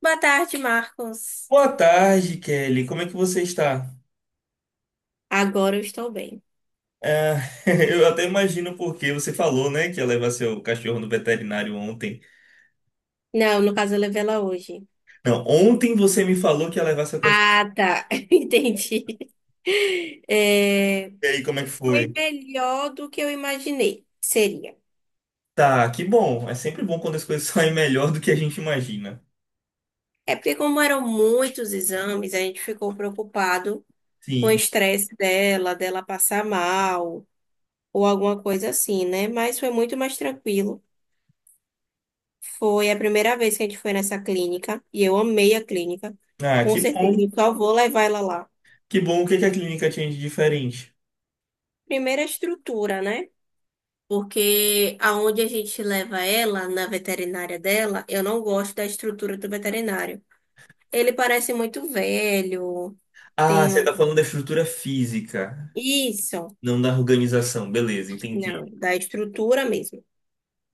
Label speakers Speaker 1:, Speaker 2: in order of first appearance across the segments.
Speaker 1: Boa tarde, Marcos.
Speaker 2: Boa tarde, Kelly. Como é que você está?
Speaker 1: Agora eu estou bem.
Speaker 2: É, eu até imagino porque você falou, né, que ia levar seu cachorro no veterinário ontem.
Speaker 1: Não, no caso eu levei ela hoje.
Speaker 2: Não, ontem você me falou que ia levar seu cachorro.
Speaker 1: Ah, tá. Entendi. É,
Speaker 2: E aí, como é que
Speaker 1: Foi
Speaker 2: foi?
Speaker 1: melhor do que eu imaginei. Seria.
Speaker 2: Tá, que bom. É sempre bom quando as coisas saem melhor do que a gente imagina.
Speaker 1: É porque, como eram muitos exames, a gente ficou preocupado com o
Speaker 2: Sim.
Speaker 1: estresse dela, passar mal, ou alguma coisa assim, né? Mas foi muito mais tranquilo. Foi a primeira vez que a gente foi nessa clínica, e eu amei a clínica.
Speaker 2: Ah,
Speaker 1: Com
Speaker 2: que
Speaker 1: certeza, eu
Speaker 2: bom.
Speaker 1: só vou levar ela lá.
Speaker 2: Que bom. O que é que a clínica tinha de diferente?
Speaker 1: Primeiro a estrutura, né? Porque aonde a gente leva ela, na veterinária dela, eu não gosto da estrutura do veterinário. Ele parece muito velho,
Speaker 2: Ah,
Speaker 1: tem
Speaker 2: você
Speaker 1: um...
Speaker 2: tá falando da estrutura física,
Speaker 1: Isso,
Speaker 2: não da organização. Beleza,
Speaker 1: não,
Speaker 2: entendi.
Speaker 1: da estrutura mesmo.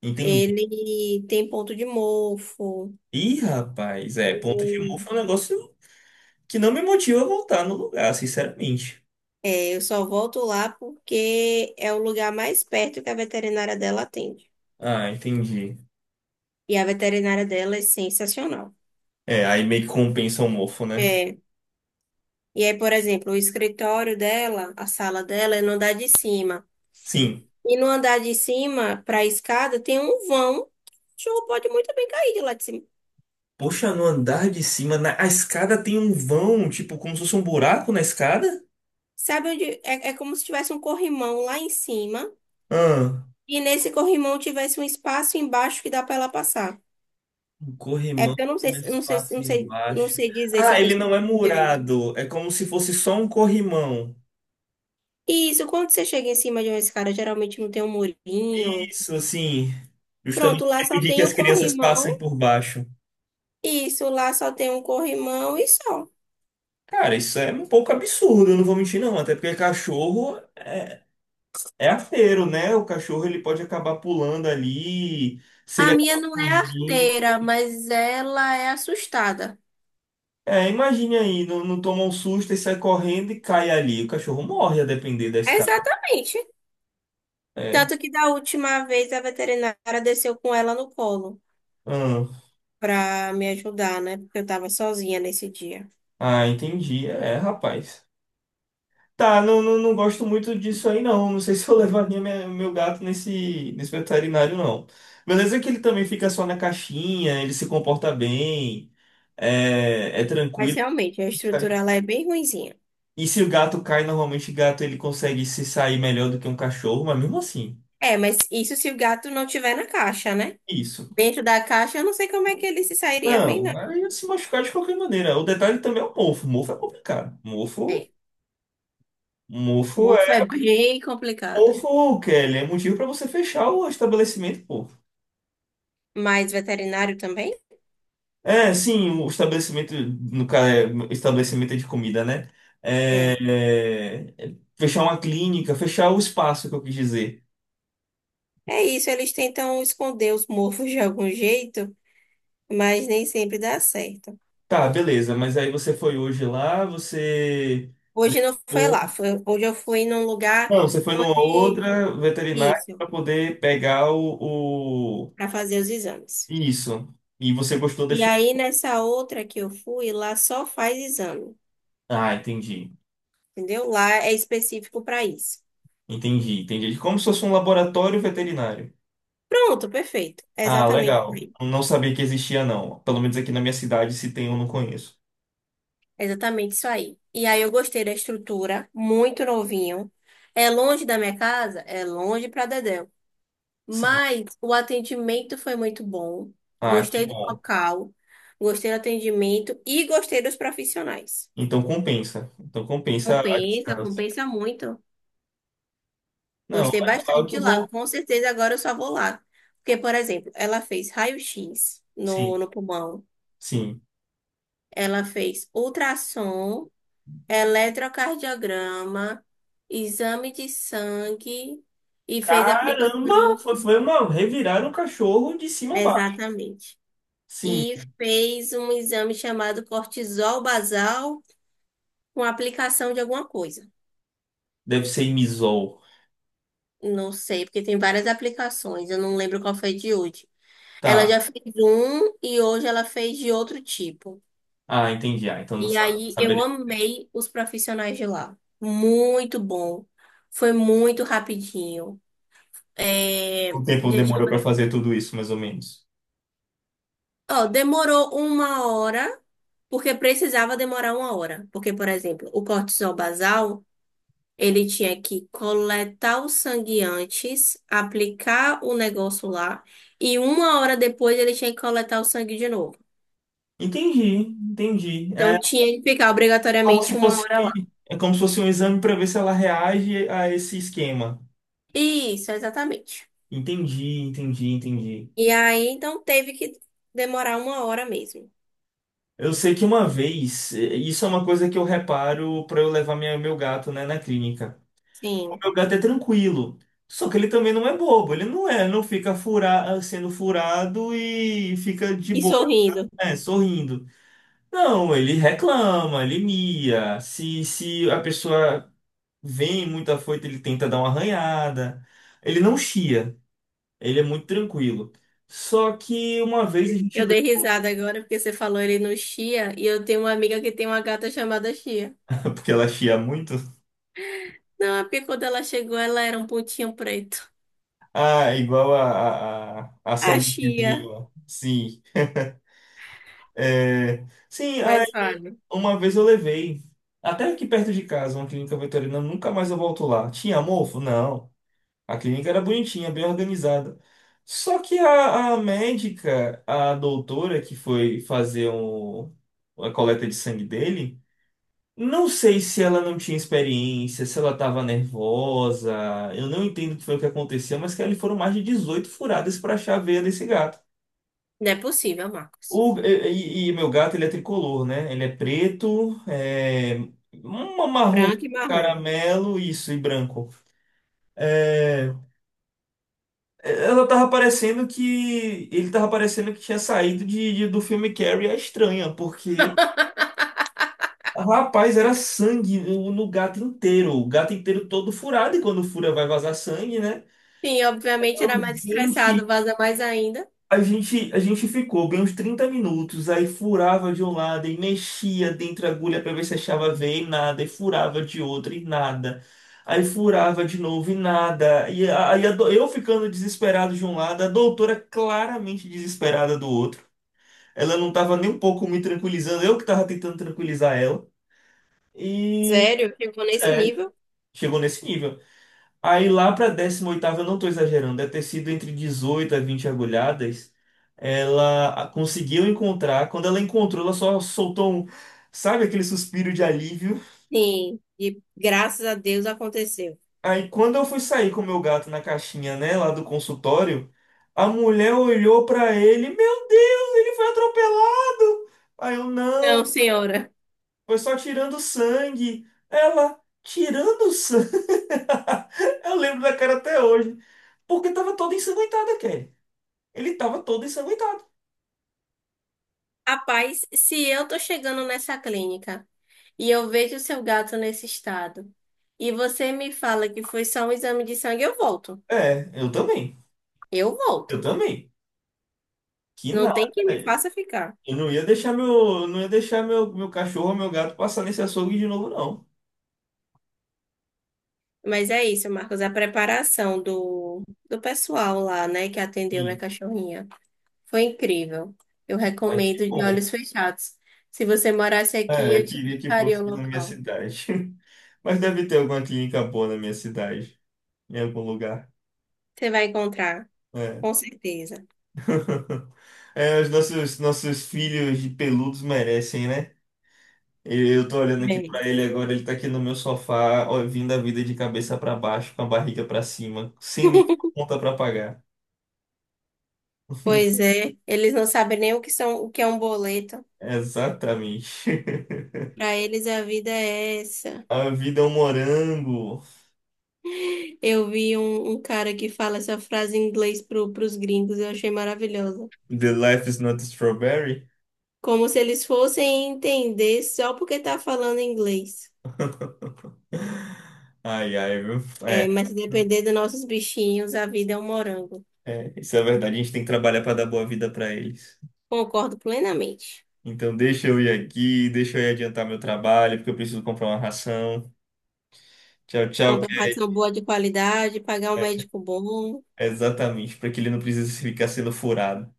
Speaker 2: Entendi.
Speaker 1: Ele tem ponto de mofo.
Speaker 2: Ih, rapaz, é, ponto de mofo é um negócio que não me motiva a voltar no lugar, sinceramente.
Speaker 1: É, eu só volto lá porque é o lugar mais perto que a veterinária dela atende.
Speaker 2: Ah, entendi.
Speaker 1: E a veterinária dela é sensacional.
Speaker 2: É, aí meio que compensa o mofo, né?
Speaker 1: É. E aí, por exemplo, o escritório dela, a sala dela é no andar de cima.
Speaker 2: Sim.
Speaker 1: E no andar de cima, para a escada, tem um vão. Que O cachorro pode muito bem cair de lá de cima.
Speaker 2: Poxa, no andar de cima, na... a escada tem um vão, tipo, como se fosse um buraco na escada?
Speaker 1: Sabe onde? É, é como se tivesse um corrimão lá em cima.
Speaker 2: Ah,
Speaker 1: E nesse corrimão tivesse um espaço embaixo que dá para ela passar.
Speaker 2: um
Speaker 1: É
Speaker 2: corrimão,
Speaker 1: porque eu não sei,
Speaker 2: um
Speaker 1: se- não sei, se-
Speaker 2: espaço
Speaker 1: não sei, não
Speaker 2: embaixo.
Speaker 1: sei dizer se eu
Speaker 2: Ah,
Speaker 1: estou
Speaker 2: ele não é
Speaker 1: explicando direito.
Speaker 2: murado, é como se fosse só um corrimão.
Speaker 1: E isso, quando você chega em cima de uma escada, geralmente não tem um murinho.
Speaker 2: Isso, assim,
Speaker 1: Pronto,
Speaker 2: justamente
Speaker 1: lá
Speaker 2: pra
Speaker 1: só
Speaker 2: impedir que
Speaker 1: tem um
Speaker 2: as crianças passem
Speaker 1: corrimão.
Speaker 2: por baixo.
Speaker 1: Isso, lá só tem um corrimão e só.
Speaker 2: Cara, isso é um pouco absurdo, eu não vou mentir não, até porque cachorro é. É arteiro, né? O cachorro ele pode acabar pulando ali, se
Speaker 1: A
Speaker 2: ele
Speaker 1: minha
Speaker 2: acabar
Speaker 1: não é
Speaker 2: fugindo.
Speaker 1: arteira, mas ela é assustada.
Speaker 2: É, imagine aí, não, não toma um susto e sai correndo e cai ali. O cachorro morre a depender da escada.
Speaker 1: Exatamente.
Speaker 2: É.
Speaker 1: Tanto que da última vez a veterinária desceu com ela no colo
Speaker 2: Hum.
Speaker 1: pra me ajudar, né? Porque eu tava sozinha nesse dia.
Speaker 2: Ah, entendi. É, rapaz. Tá, não, não, não gosto muito disso aí, não. Não sei se eu levaria meu gato nesse, nesse veterinário, não. Beleza que ele também fica só na caixinha, ele se comporta bem, é, é
Speaker 1: Mas
Speaker 2: tranquilo.
Speaker 1: realmente, a estrutura ela é bem ruinzinha.
Speaker 2: E se o gato cai, normalmente o gato ele consegue se sair melhor do que um cachorro, mas mesmo assim,
Speaker 1: É, mas isso se o gato não tiver na caixa, né?
Speaker 2: isso.
Speaker 1: Dentro da caixa, eu não sei como é que ele se sairia bem, não.
Speaker 2: Não, aí ia se machucar de qualquer maneira. O detalhe também é o mofo. Mofo é complicado. Mofo,
Speaker 1: É.
Speaker 2: mofo
Speaker 1: Mofo é
Speaker 2: é.
Speaker 1: bem complicado.
Speaker 2: Mofo, Kelly, é motivo para você fechar o estabelecimento, pô.
Speaker 1: Mas veterinário também?
Speaker 2: É, sim, o estabelecimento, no caso, é, estabelecimento de comida, né? É,
Speaker 1: É.
Speaker 2: é, fechar uma clínica, fechar o espaço que eu quis dizer.
Speaker 1: É isso, eles tentam esconder os mofos de algum jeito, mas nem sempre dá certo.
Speaker 2: Tá, beleza, mas aí você foi hoje lá, você.
Speaker 1: Hoje não foi
Speaker 2: Levou.
Speaker 1: lá, hoje eu fui num lugar
Speaker 2: Não, você foi numa
Speaker 1: onde
Speaker 2: outra veterinária
Speaker 1: isso,
Speaker 2: para poder pegar o.
Speaker 1: para fazer os exames.
Speaker 2: Isso. E você gostou da
Speaker 1: E
Speaker 2: estrutura.
Speaker 1: aí nessa outra que eu fui, lá só faz exame,
Speaker 2: Ah, entendi.
Speaker 1: entendeu? Lá é específico para isso.
Speaker 2: Entendi, entendi. Como se fosse um laboratório veterinário.
Speaker 1: Pronto, perfeito. É
Speaker 2: Ah,
Speaker 1: exatamente, por
Speaker 2: legal.
Speaker 1: aí.
Speaker 2: Não sabia que existia, não. Pelo menos aqui na minha cidade, se tem, eu não conheço.
Speaker 1: É exatamente isso aí. E aí eu gostei da estrutura, muito novinho. É longe da minha casa, é longe para Dedéu.
Speaker 2: Sim.
Speaker 1: Mas o atendimento foi muito bom.
Speaker 2: Ah, que
Speaker 1: Gostei do
Speaker 2: bom.
Speaker 1: local, gostei do atendimento e gostei dos profissionais.
Speaker 2: Então compensa. Então compensa a
Speaker 1: Compensa,
Speaker 2: distância.
Speaker 1: compensa muito.
Speaker 2: Não,
Speaker 1: Gostei bastante
Speaker 2: legal,
Speaker 1: de
Speaker 2: que
Speaker 1: lá.
Speaker 2: bom.
Speaker 1: Com certeza agora eu só vou lá. Porque, por exemplo, ela fez raio-x
Speaker 2: Sim,
Speaker 1: no pulmão,
Speaker 2: sim.
Speaker 1: ela fez ultrassom, eletrocardiograma, exame de sangue e fez
Speaker 2: Caramba,
Speaker 1: aplicação.
Speaker 2: foi uma. Reviraram um cachorro de cima a baixo.
Speaker 1: Exatamente.
Speaker 2: Sim,
Speaker 1: E fez um exame chamado cortisol basal com aplicação de alguma coisa.
Speaker 2: deve ser imisol.
Speaker 1: Não sei, porque tem várias aplicações. Eu não lembro qual foi de hoje. Ela já
Speaker 2: Tá.
Speaker 1: fez um e hoje ela fez de outro tipo.
Speaker 2: Ah, entendi. Ah, então não
Speaker 1: E aí eu
Speaker 2: saberia
Speaker 1: amei os profissionais de lá. Muito bom. Foi muito rapidinho. É...
Speaker 2: quanto tempo
Speaker 1: gente,
Speaker 2: demorou para fazer tudo isso, mais ou menos.
Speaker 1: Ó, demorou uma hora, porque precisava demorar uma hora. Porque, por exemplo, o cortisol basal, ele tinha que coletar o sangue antes, aplicar o negócio lá, e uma hora depois ele tinha que coletar o sangue de novo.
Speaker 2: Entendi, entendi.
Speaker 1: Então tinha que ficar
Speaker 2: Como se
Speaker 1: obrigatoriamente uma
Speaker 2: fosse,
Speaker 1: hora lá.
Speaker 2: é como se fosse um exame para ver se ela reage a esse esquema.
Speaker 1: Isso, exatamente.
Speaker 2: Entendi, entendi, entendi.
Speaker 1: E aí, então, teve que demorar uma hora mesmo.
Speaker 2: Eu sei que uma vez, isso é uma coisa que eu reparo para eu levar minha, meu gato, né, na clínica. O
Speaker 1: Sim.
Speaker 2: meu gato é tranquilo, só que ele também não é bobo, ele não é, não fica fura, sendo furado e fica de
Speaker 1: E
Speaker 2: boa,
Speaker 1: sorrindo.
Speaker 2: né, sorrindo. Não, ele reclama, ele mia. Se a pessoa vem muito afoito, ele tenta dar uma arranhada. Ele não chia, ele é muito tranquilo. Só que uma vez a gente.
Speaker 1: Eu dei risada agora porque você falou ele no Chia e eu tenho uma amiga que tem uma gata chamada Chia.
Speaker 2: Porque ela chia muito.
Speaker 1: Não, é porque quando ela chegou, ela era um pontinho preto.
Speaker 2: Ah, igual a, a
Speaker 1: A
Speaker 2: sementezinha.
Speaker 1: Chia.
Speaker 2: Ó. Sim. É, sim, aí
Speaker 1: Mas fala.
Speaker 2: uma vez eu levei. Até aqui perto de casa, uma clínica veterinária, nunca mais eu volto lá. Tinha mofo? Não. A clínica era bonitinha, bem organizada. Só que a médica, a doutora que foi fazer um, a coleta de sangue dele, não sei se ela não tinha experiência, se ela estava nervosa, eu não entendo o que foi o que aconteceu, mas que ali foram mais de 18 furadas para achar a veia desse gato.
Speaker 1: Não é possível, Marcos.
Speaker 2: E meu gato, ele é tricolor, né? Ele é preto, é, um marrom,
Speaker 1: Branco e marrom.
Speaker 2: caramelo, isso, e branco. É, Ela tava parecendo que. Ele tava parecendo que tinha saído do filme Carrie a Estranha, porque. Rapaz, era sangue no, no gato inteiro. O gato inteiro todo furado, e quando fura vai vazar sangue, né?
Speaker 1: Sim, obviamente era
Speaker 2: Eu,
Speaker 1: mais
Speaker 2: Gente,
Speaker 1: estressado, vaza mais ainda.
Speaker 2: A gente, a gente ficou bem uns 30 minutos, aí furava de um lado e mexia dentro da agulha para ver se achava veia e nada, e furava de outra e nada. Aí furava de novo e nada. E eu ficando desesperado de um lado, a doutora claramente desesperada do outro. Ela não tava nem um pouco me tranquilizando, eu que tava tentando tranquilizar ela. E,
Speaker 1: Sério? Chegou nesse
Speaker 2: sério,
Speaker 1: nível?
Speaker 2: chegou nesse nível. Aí lá para a décima oitava eu não estou exagerando, deve ter sido entre 18 a 20 agulhadas. Conseguiu encontrar. Quando ela encontrou, ela só soltou um, sabe, aquele suspiro de alívio.
Speaker 1: Sim. E graças a Deus aconteceu.
Speaker 2: Aí quando eu fui sair com o meu gato na caixinha, né, lá do consultório, a mulher olhou para ele, meu Deus, ele foi atropelado. Aí eu,
Speaker 1: Não,
Speaker 2: não,
Speaker 1: senhora.
Speaker 2: foi só tirando sangue. Ela, tirando sangue? Eu lembro da cara até hoje. Porque tava toda ensanguentada, ele tava todo ensanguentado.
Speaker 1: Rapaz, se eu tô chegando nessa clínica e eu vejo o seu gato nesse estado e você me fala que foi só um exame de sangue, eu volto.
Speaker 2: É, eu também.
Speaker 1: Eu
Speaker 2: Eu
Speaker 1: volto.
Speaker 2: também. Que
Speaker 1: Não
Speaker 2: nada.
Speaker 1: tem quem me faça ficar.
Speaker 2: Eu não ia deixar meu, não ia deixar meu cachorro, meu gato passar nesse açougue de novo, não.
Speaker 1: Mas é isso, Marcos. A preparação do pessoal lá, né, que atendeu minha
Speaker 2: Sim,
Speaker 1: cachorrinha foi incrível. Eu
Speaker 2: mas que
Speaker 1: recomendo de
Speaker 2: bom.
Speaker 1: olhos fechados. Se você morasse aqui,
Speaker 2: É, eu
Speaker 1: eu te
Speaker 2: queria que
Speaker 1: indicaria
Speaker 2: fosse
Speaker 1: o
Speaker 2: na minha
Speaker 1: local.
Speaker 2: cidade. Mas deve ter alguma clínica boa na minha cidade, em algum lugar.
Speaker 1: Você vai encontrar,
Speaker 2: É.
Speaker 1: com certeza.
Speaker 2: É, os nossos, nossos filhos de peludos merecem, né? Eu tô olhando aqui
Speaker 1: É
Speaker 2: pra
Speaker 1: isso.
Speaker 2: ele agora, ele tá aqui no meu sofá, ó, vindo a vida de cabeça pra baixo, com a barriga pra cima, sem nenhuma conta pra pagar.
Speaker 1: Pois é, eles não sabem nem o que são, o que é um boleto.
Speaker 2: Exatamente.
Speaker 1: Para eles a vida é essa.
Speaker 2: A vida é um morango.
Speaker 1: Eu vi um cara que fala essa frase em inglês pros gringos, eu achei maravilhosa.
Speaker 2: The life is not a strawberry.
Speaker 1: Como se eles fossem entender só porque tá falando inglês.
Speaker 2: Ai, ai, viu?
Speaker 1: É,
Speaker 2: É,
Speaker 1: mas se depender dos nossos bichinhos, a vida é um morango.
Speaker 2: é, isso é verdade. A gente tem que trabalhar pra dar boa vida pra eles.
Speaker 1: Concordo plenamente.
Speaker 2: Então deixa eu ir aqui, deixa eu ir adiantar meu trabalho, porque eu preciso comprar uma ração. Tchau, tchau,
Speaker 1: Comprar uma
Speaker 2: que
Speaker 1: ração boa de qualidade, pagar um
Speaker 2: é.
Speaker 1: médico bom.
Speaker 2: É exatamente, pra que ele não precise ficar sendo furado.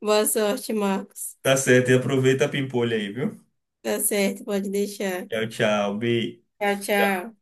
Speaker 1: Boa sorte, Marcos.
Speaker 2: Tá certo, e aproveita a pimpolha aí, viu?
Speaker 1: Tá certo, pode deixar.
Speaker 2: Tchau, tchau, Bi.
Speaker 1: Tchau, tchau.